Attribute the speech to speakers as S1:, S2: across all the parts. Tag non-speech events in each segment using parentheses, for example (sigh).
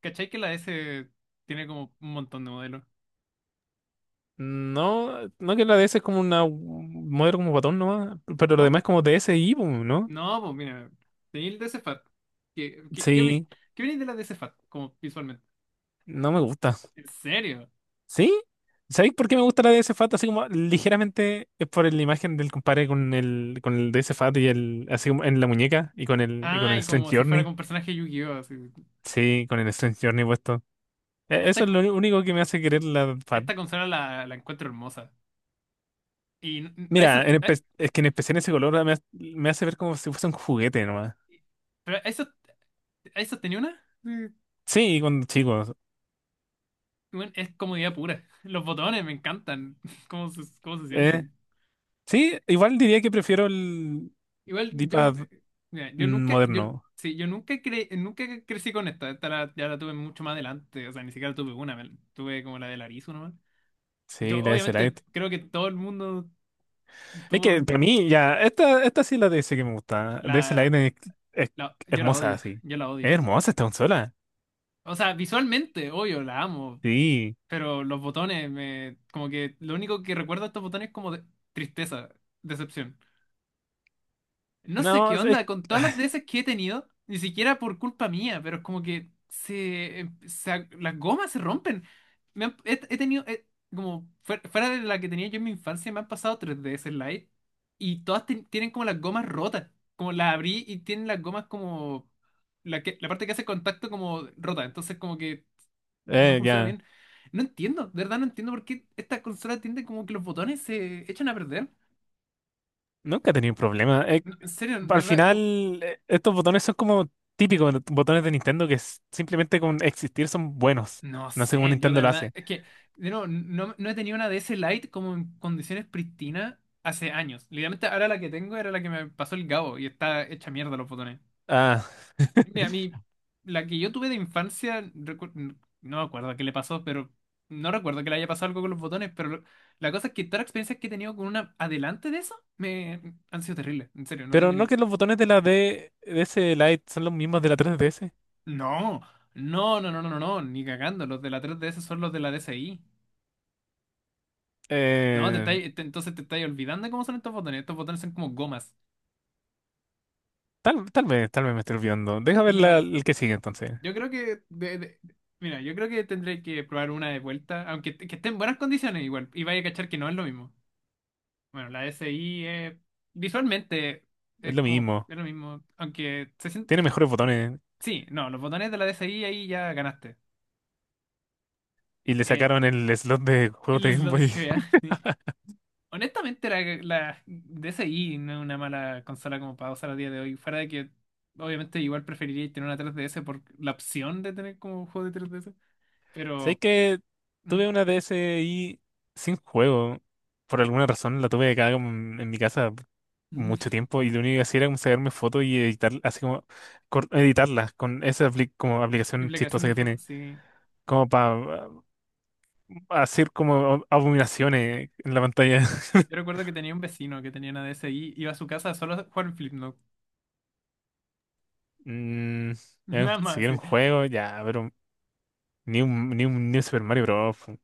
S1: ¿Cachai que la S tiene como un montón de modelos?
S2: No, no que La DS es como una un modelo como botón nomás, pero lo
S1: No,
S2: demás es
S1: pues-
S2: como DSi, pues, ¿no?
S1: no, pues mira, tenía el DC Fat. ¿Qué, qué, qué, vi-
S2: Sí,
S1: qué viene de la DC Fat? Como visualmente.
S2: no me gusta.
S1: ¿En serio?
S2: ¿Sí? ¿Sabéis por qué me gusta la DS Fat? Así como ligeramente, es por la imagen del compadre con el DS Fat y el, así como en la muñeca y con el
S1: Ay, como
S2: Strange
S1: si fuera
S2: Journey.
S1: con personaje de Yu-Gi-Oh! Así.
S2: Sí, con el Strange Journey puesto.
S1: Esta,
S2: Eso es lo
S1: ju-
S2: único que me hace querer la Fat.
S1: esta consola la encuentro hermosa. Y n- a eso,
S2: Mira,
S1: a-
S2: es que en especial ese color me, me hace ver como si fuese un juguete nomás.
S1: pero a eso, tenía una. Sí.
S2: Sí, cuando chicos.
S1: Bueno, es comodidad pura. (laughs) Los botones me encantan. (laughs) ¿Cómo se
S2: eh,
S1: sienten?
S2: Sí, igual diría que prefiero el
S1: Igual yo, nu-
S2: dipad
S1: Mira, yo nunca, yo,
S2: moderno.
S1: sí, yo nunca, cre- nunca crecí con ya la tuve mucho más adelante. O sea, ni siquiera tuve una. Tuve como la de Larizo nomás.
S2: Sí,
S1: Yo
S2: DS
S1: obviamente
S2: Lite.
S1: creo que todo el mundo
S2: Es que
S1: tuvo
S2: para mí ya, esta sí es la DS que me gusta. DS
S1: la,
S2: Lite es
S1: yo la
S2: hermosa,
S1: odio,
S2: sí.
S1: yo la
S2: Es
S1: odio.
S2: hermosa esta consola.
S1: O sea, visualmente, obvio, la amo,
S2: Sí.
S1: pero los botones, como que lo único que recuerdo de estos botones es como tristeza, decepción. No sé
S2: No,
S1: qué onda, con todas
S2: ah,
S1: las veces que he tenido, ni siquiera por culpa mía, pero es como que se, em, se ag- las gomas se rompen. He tenido, como fuera de la que tenía yo en mi infancia, me han pasado 3DS Lite y todas tienen como las gomas rotas. Como las abrí y tienen las gomas como la parte que hace contacto como rota, entonces como que no funciona
S2: ya.
S1: bien. No entiendo, de verdad no entiendo por qué esta consola tiende como que los botones se echan a perder.
S2: Nunca he tenido un problema.
S1: No, en serio, de
S2: Al
S1: verdad,
S2: final, estos botones son como botones de Nintendo que simplemente con existir son buenos.
S1: no
S2: No sé cómo
S1: sé, yo
S2: Nintendo
S1: de
S2: lo
S1: verdad,
S2: hace.
S1: es que de nuevo, no he tenido una D S Lite como en condiciones pristinas hace años. Literalmente ahora la que tengo era la que me pasó el Gabo y está hecha mierda los botones.
S2: Ah,
S1: Mira, a mí, la que yo tuve de infancia, no me acuerdo qué le pasó, pero no recuerdo que le haya pasado algo con los botones, pero la cosa es que todas las experiencias que he tenido con una adelante de eso me han sido terribles. En serio, no
S2: pero
S1: tengo
S2: no
S1: ni...
S2: que los botones de la D DS Lite son los mismos de la 3DS.
S1: No, no, no, no, no, no, no, ni cagando. Los de la 3DS son los de la DSi. No, te
S2: Eh,
S1: estáis- te- entonces te estáis olvidando de cómo son estos botones. Estos botones son como gomas.
S2: tal vez me estoy olvidando. Deja ver
S1: Y no,
S2: el que sigue entonces.
S1: yo creo que mira, yo creo que tendré que probar una de vuelta, que esté en buenas condiciones igual, y vaya a cachar que no es lo mismo. Bueno, la SI visualmente
S2: Es
S1: es
S2: lo
S1: como
S2: mismo.
S1: es lo mismo, aunque se
S2: Tiene
S1: siente...
S2: mejores botones.
S1: Sí, no, los botones de la D S I ahí ya ganaste.
S2: Y le
S1: Eh,
S2: sacaron el slot de juegos
S1: el
S2: de Game
S1: slot
S2: Boy.
S1: GBA.
S2: (laughs)
S1: (laughs) Honestamente, la DSi no es una mala consola como para usar a día de hoy. Fuera de que, obviamente, igual preferiría tener una 3DS por la opción de tener como juego de 3DS.
S2: Sé
S1: Pero...
S2: que
S1: Mm.
S2: tuve una DSi sin juego. Por alguna razón la tuve acá como en mi casa
S1: Mm.
S2: mucho tiempo. Y lo único que hacía era como sacarme fotos y editar, así como editarlas con esa como aplicación
S1: Implicación
S2: chistosa
S1: de
S2: que
S1: fondo,
S2: tiene.
S1: sí.
S2: Como para hacer como abominaciones en la pantalla.
S1: Yo
S2: (laughs)
S1: recuerdo que tenía un vecino que tenía una DSi, iba a su casa solo a jugar Flipnote.
S2: Mm,
S1: (laughs) Nada más,
S2: seguir un
S1: sí.
S2: juego, ya, pero ni un Super Mario Bros. Fu.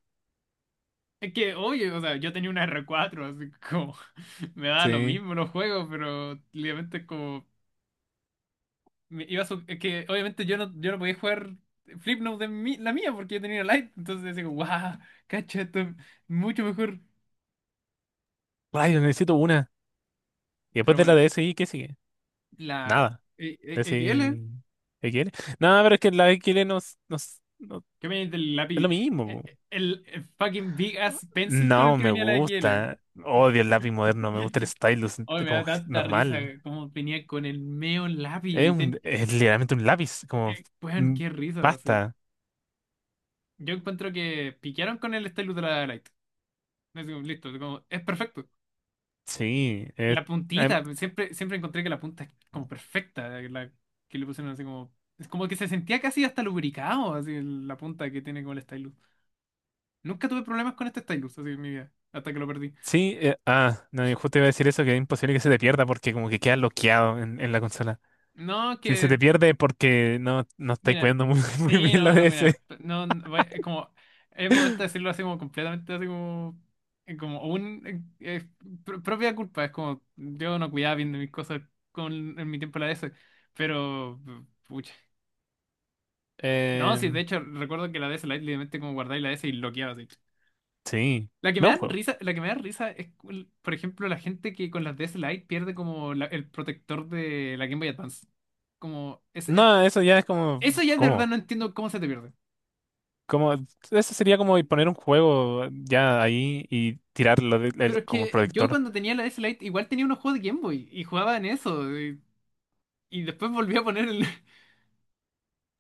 S1: Es que, oye, o sea, yo tenía una R4, así como (laughs) me da lo
S2: Sí.
S1: mismo los juegos, pero obviamente es como me iba a su- es que obviamente yo no podía jugar Flipnote la mía porque yo tenía Lite, entonces digo wow, cacha, esto es mucho mejor.
S2: Rayos, necesito una. Y después
S1: Pero
S2: de la
S1: bueno,
S2: DSi, ¿qué sigue?
S1: la
S2: Nada.
S1: eh, eh, XL,
S2: DSi. ¿XL? No, pero es que la XL
S1: que venía del
S2: es
S1: lápiz,
S2: lo mismo.
S1: fucking big
S2: Po.
S1: ass pencil con el
S2: No,
S1: que
S2: me
S1: venía la XL.
S2: gusta. Odio el lápiz
S1: Que-
S2: moderno, me gusta el
S1: que-
S2: stylus
S1: (laughs) Ay, me da
S2: como
S1: tanta risa
S2: normal.
S1: como venía con el meo lápiz.
S2: Es un, es literalmente un lápiz, como
S1: Weón,
S2: mm,
S1: qué risa, sí.
S2: pasta.
S1: Yo encuentro que piquearon con el stylus de la light. Es como, listo, es perfecto.
S2: Sí. es
S1: La
S2: em,
S1: puntita, pues, siempre encontré que la punta es como perfecta, que le pusieron así como... Es como que se sentía casi hasta lubricado, la punta que tiene con el stylus. Nunca tuve problemas con este stylus, así en mi vida, hasta que lo perdí.
S2: Sí, no, y justo iba a decir eso, que es imposible que se te pierda porque como que queda bloqueado en la consola.
S1: No,
S2: Si se
S1: que...
S2: te pierde porque no estáis
S1: Mira,
S2: cuidando muy, (laughs) muy
S1: sí,
S2: bien la
S1: no, no,
S2: DS.
S1: mira, no, no, va- es como... Es momento de decirlo así como completamente, así como... Como un... propia culpa, es como... Yo no cuidaba bien de mis cosas en mi tiempo en la DS, pero... Pucha. No, sí, de
S2: Em,
S1: hecho, recuerdo que la DS Lite literalmente como guardáis la DS y bloqueaba así.
S2: sí,
S1: La que
S2: ve
S1: me
S2: un
S1: dan
S2: juego.
S1: risa, la que me da risa es, por ejemplo, la gente que con las DS Lite pierde como el protector de la Game Boy Advance. Como, es, es-
S2: No, eso ya es como,
S1: Eso ya de verdad
S2: ¿cómo?
S1: no entiendo cómo se te pierde.
S2: Como, eso sería como poner un juego ya ahí y tirarlo
S1: Pero es
S2: como
S1: que yo
S2: proyector.
S1: cuando tenía la DS Lite igual tenía unos juegos de Game Boy y jugaba en eso. Y después volví a poner el... (laughs)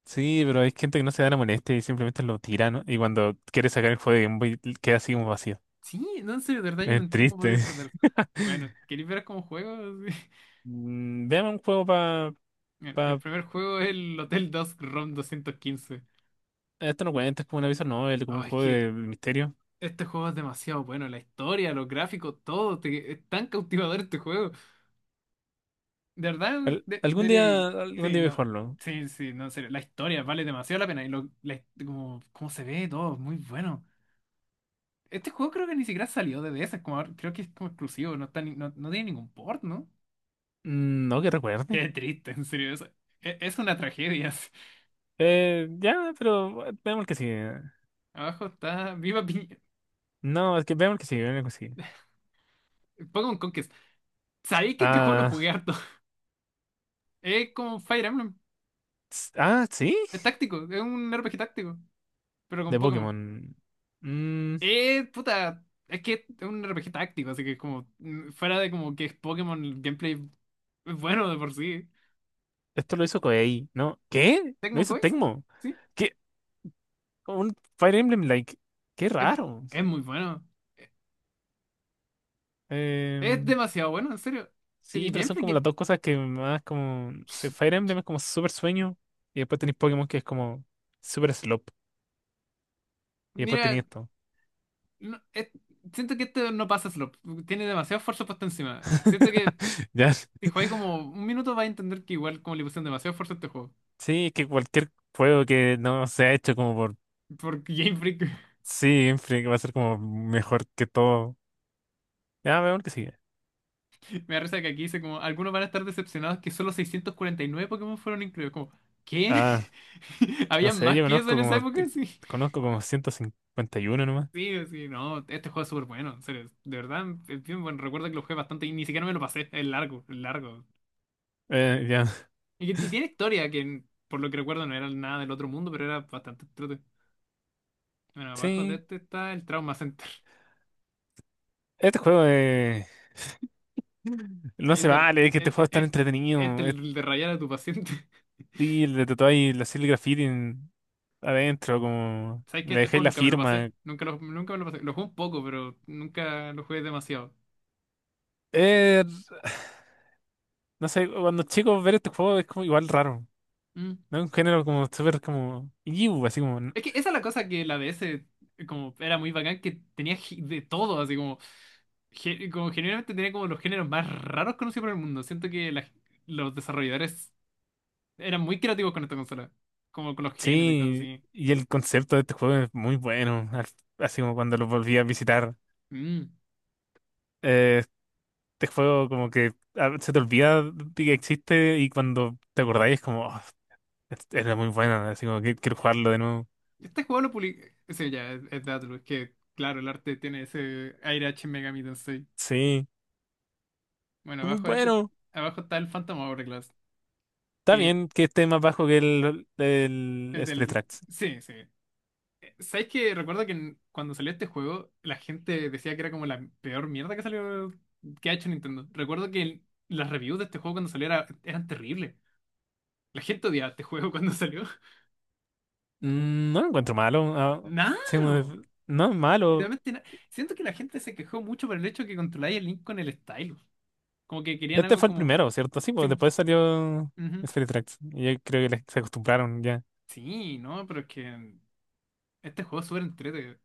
S2: Sí, pero hay gente que no se da la molestia y simplemente lo tira, ¿no? Y cuando quiere sacar el juego de Game Boy queda así como vacío.
S1: Sí, no, en serio, de verdad yo no
S2: Es
S1: entiendo cómo podía
S2: triste.
S1: perder. Bueno,
S2: (laughs)
S1: ¿queréis ver como juego? (laughs)
S2: Mm, veamos un juego para
S1: El primer juego es el Hotel dos ROM 215.
S2: esto no cuenta, es como una visual novel, como un
S1: Ay, es
S2: juego
S1: que
S2: de misterio.
S1: este juego es demasiado bueno, la historia, los gráficos, todo, es tan cautivador este juego. De verdad, de,
S2: Algún
S1: debería-
S2: día, algún
S1: sí,
S2: día voy a
S1: no,
S2: jugarlo.
S1: sí, no, en serio, la historia vale demasiado la pena y como, cómo se ve todo, es muy bueno. Este juego creo que ni siquiera salió de DS, como, creo que es como exclusivo, no, está ni- no, no tiene ningún port, ¿no?
S2: Mm, no que recuerde.
S1: Qué triste, en serio, es una tragedia. (laughs)
S2: Ya, pero veamos el que sigue.
S1: Abajo está
S2: No, es que veamos el que sigue, veamos el que sigue.
S1: Pokémon Conquest. Sabéis que este juego lo
S2: Ah,
S1: jugué harto. Es como Fire Emblem,
S2: sí,
S1: es táctico, es un RPG táctico, pero con
S2: de
S1: Pokémon.
S2: Pokémon. Mm,
S1: Puta, es que es un RPG táctico, así que es como, mm, fuera de como que es Pokémon, el gameplay es bueno de por sí.
S2: esto lo hizo Koei, ¿no? ¿Qué? Lo
S1: Tecmo
S2: hizo
S1: Kois, sí,
S2: Tecmo.
S1: sí,
S2: ¿Qué? Un Fire Emblem like. Qué
S1: es,
S2: raro.
S1: es muy bueno. Es
S2: Em,
S1: demasiado bueno, en serio.
S2: Sí,
S1: El
S2: pero son
S1: gameplay
S2: como las
S1: que...
S2: dos cosas que más como... no sé, Fire
S1: uch,
S2: Emblem es como súper sueño y después tenéis Pokémon que es como súper slop y después tenéis
S1: Mira,
S2: esto.
S1: no- es- siento que este no pasa slop, tiene demasiado esfuerzo puesto encima. Siento que
S2: (laughs) Ya.
S1: si juegas como un minuto vas a entender que igual como le pusieron demasiado esfuerzo a este juego.
S2: Sí, es que cualquier juego que no se ha hecho como por
S1: Por Game Freak.
S2: sí, siempre que va a ser como mejor que todo. Ya, veamos el que sigue.
S1: Me da risa que aquí dice como, algunos van a estar decepcionados que solo 649 Pokémon fueron incluidos. Como, ¿qué?
S2: Ah,
S1: (laughs)
S2: no
S1: ¿Habían
S2: sé,
S1: más
S2: yo
S1: que eso
S2: conozco
S1: en esa
S2: como
S1: época?
S2: te-
S1: Sí,
S2: conozco como 151 nomás.
S1: sí, no, este juego es súper bueno, en serio, de verdad, es bien bueno, recuerdo que lo jugué bastante y ni siquiera me lo pasé, es largo, es largo.
S2: Ya.
S1: Y tiene historia que, por lo que recuerdo, no era nada del otro mundo, pero era bastante trote. Bueno, abajo de
S2: Sí,
S1: este está el Trauma Center,
S2: este juego (laughs) no se
S1: el de,
S2: vale, es que este juego es tan
S1: el- este,
S2: entretenido. Es,
S1: el de rayar a tu paciente.
S2: y le tatuáis la Silly Graffiti adentro, como
S1: ¿Sabes que
S2: le
S1: este
S2: dejáis
S1: juego
S2: la
S1: nunca me lo pasé?
S2: firma.
S1: Nunca me lo pasé. Lo jugué un poco, pero nunca lo jugué demasiado.
S2: Eh, no sé, cuando chicos ver este juego es como igual raro,
S1: Mm.
S2: ¿no? Un género como súper como, "Iu", así como,
S1: Es que esa es la cosa que la DS como era muy bacán, que tenía de todo, así como, como generalmente tenía como los géneros más raros conocidos por el mundo. Siento que los desarrolladores eran muy creativos con esta consola, como con los géneros y cosas
S2: sí,
S1: así.
S2: y el concepto de este juego es muy bueno, así como cuando lo volví a visitar.
S1: Mm.
S2: Eh, este juego como que se te olvida de que existe y cuando te acordáis es como, "Oh, era muy bueno, así como que quiero jugarlo de nuevo.
S1: Este juego lo publicó... Sí, ya, es de Atlus, que claro, el arte tiene ese aire H Megami Tensei.
S2: Sí,
S1: Bueno,
S2: es muy
S1: abajo de este,
S2: bueno.
S1: abajo está el Phantom Hourglass.
S2: Está
S1: Que
S2: bien que esté más bajo que el
S1: el
S2: Spirit.
S1: del... Sí, sí. ¿Sabes que recuerdo que cuando salió este juego, la gente decía que era como la peor mierda que salió, que ha hecho Nintendo? Recuerdo que las reviews de este juego cuando salió eran terribles. La gente odiaba este juego cuando salió.
S2: Mm, no lo encuentro malo.
S1: (laughs)
S2: Sí,
S1: No,
S2: no es malo.
S1: literalmente nada. Siento que la gente se quejó mucho por el hecho que controláis el Link con el stylus. Como que querían
S2: Este
S1: algo
S2: fue el
S1: como...
S2: primero, ¿cierto? Sí,
S1: Sí,
S2: pues después salió
S1: ujú.
S2: Spirit Tracks. Y yo creo que se acostumbraron ya.
S1: Sí, no, pero es que este juego es súper entretenido.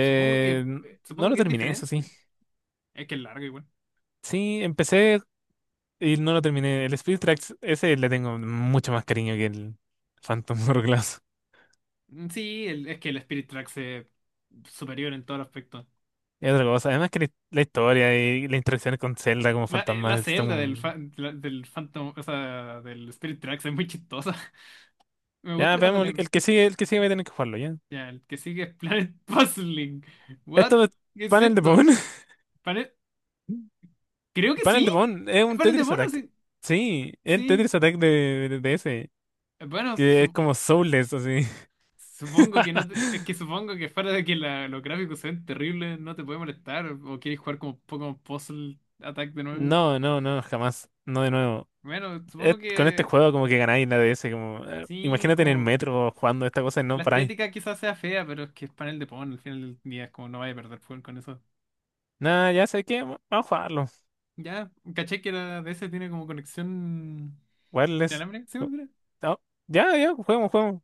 S1: Supongo que,
S2: n- no
S1: supongo
S2: lo
S1: que es
S2: terminé, eso sí.
S1: diferente. Es que es largo igual.
S2: Sí, empecé y no lo terminé. El Spirit Tracks, ese le tengo mucho más cariño que el Phantom (laughs) Hourglass.
S1: Mm. Sí, es que el Spirit Tracks es superior en todos los aspectos.
S2: Es otra cosa. Además que la historia y la interacción con Zelda como
S1: La, la
S2: fantasma
S1: celda del, fa-
S2: están...
S1: la- del Phantom, o sea, del Spirit Tracks es muy chistosa. (laughs) Me
S2: Ya,
S1: gusta cuando
S2: veamos,
S1: le...
S2: el que sigue va a tener que jugarlo, ya.
S1: Ya, el que sigue es Planet (laughs) Puzzling. What?
S2: Esto es
S1: ¿Qué es
S2: panel de
S1: esto?
S2: Pokémon.
S1: ¿Panel?
S2: (laughs)
S1: Creo que
S2: Panel
S1: sí.
S2: de Pon es
S1: Es
S2: un
S1: panel de
S2: Tetris
S1: bonos,
S2: Attack.
S1: sí.
S2: Sí, es el
S1: Sí.
S2: Tetris Attack de ese,
S1: Bueno,
S2: que es como soulless, así.
S1: supongo que no te-
S2: (laughs)
S1: es que supongo que fuera de que los gráficos sean terribles, no te puede molestar. O quieres jugar como Pokémon Puzzle Attack de nuevo.
S2: No, no, no, jamás. No de nuevo.
S1: Bueno,
S2: Es-
S1: supongo
S2: con este
S1: que...
S2: juego como que ganáis la DS, como...
S1: Sí, es
S2: imagínate en el
S1: como.
S2: metro jugando esta cosa y no
S1: La
S2: paráis.
S1: estética quizás sea fea, pero es que es panel de Pon, al final del día es como no vaya a perder fuego con eso.
S2: Nada, ya sé que vamos a jugarlo.
S1: Ya, caché que la DS tiene como conexión
S2: Wireless.
S1: inalámbrica, ¿sí?
S2: Oh, ya, ya, juguemos, juguemos.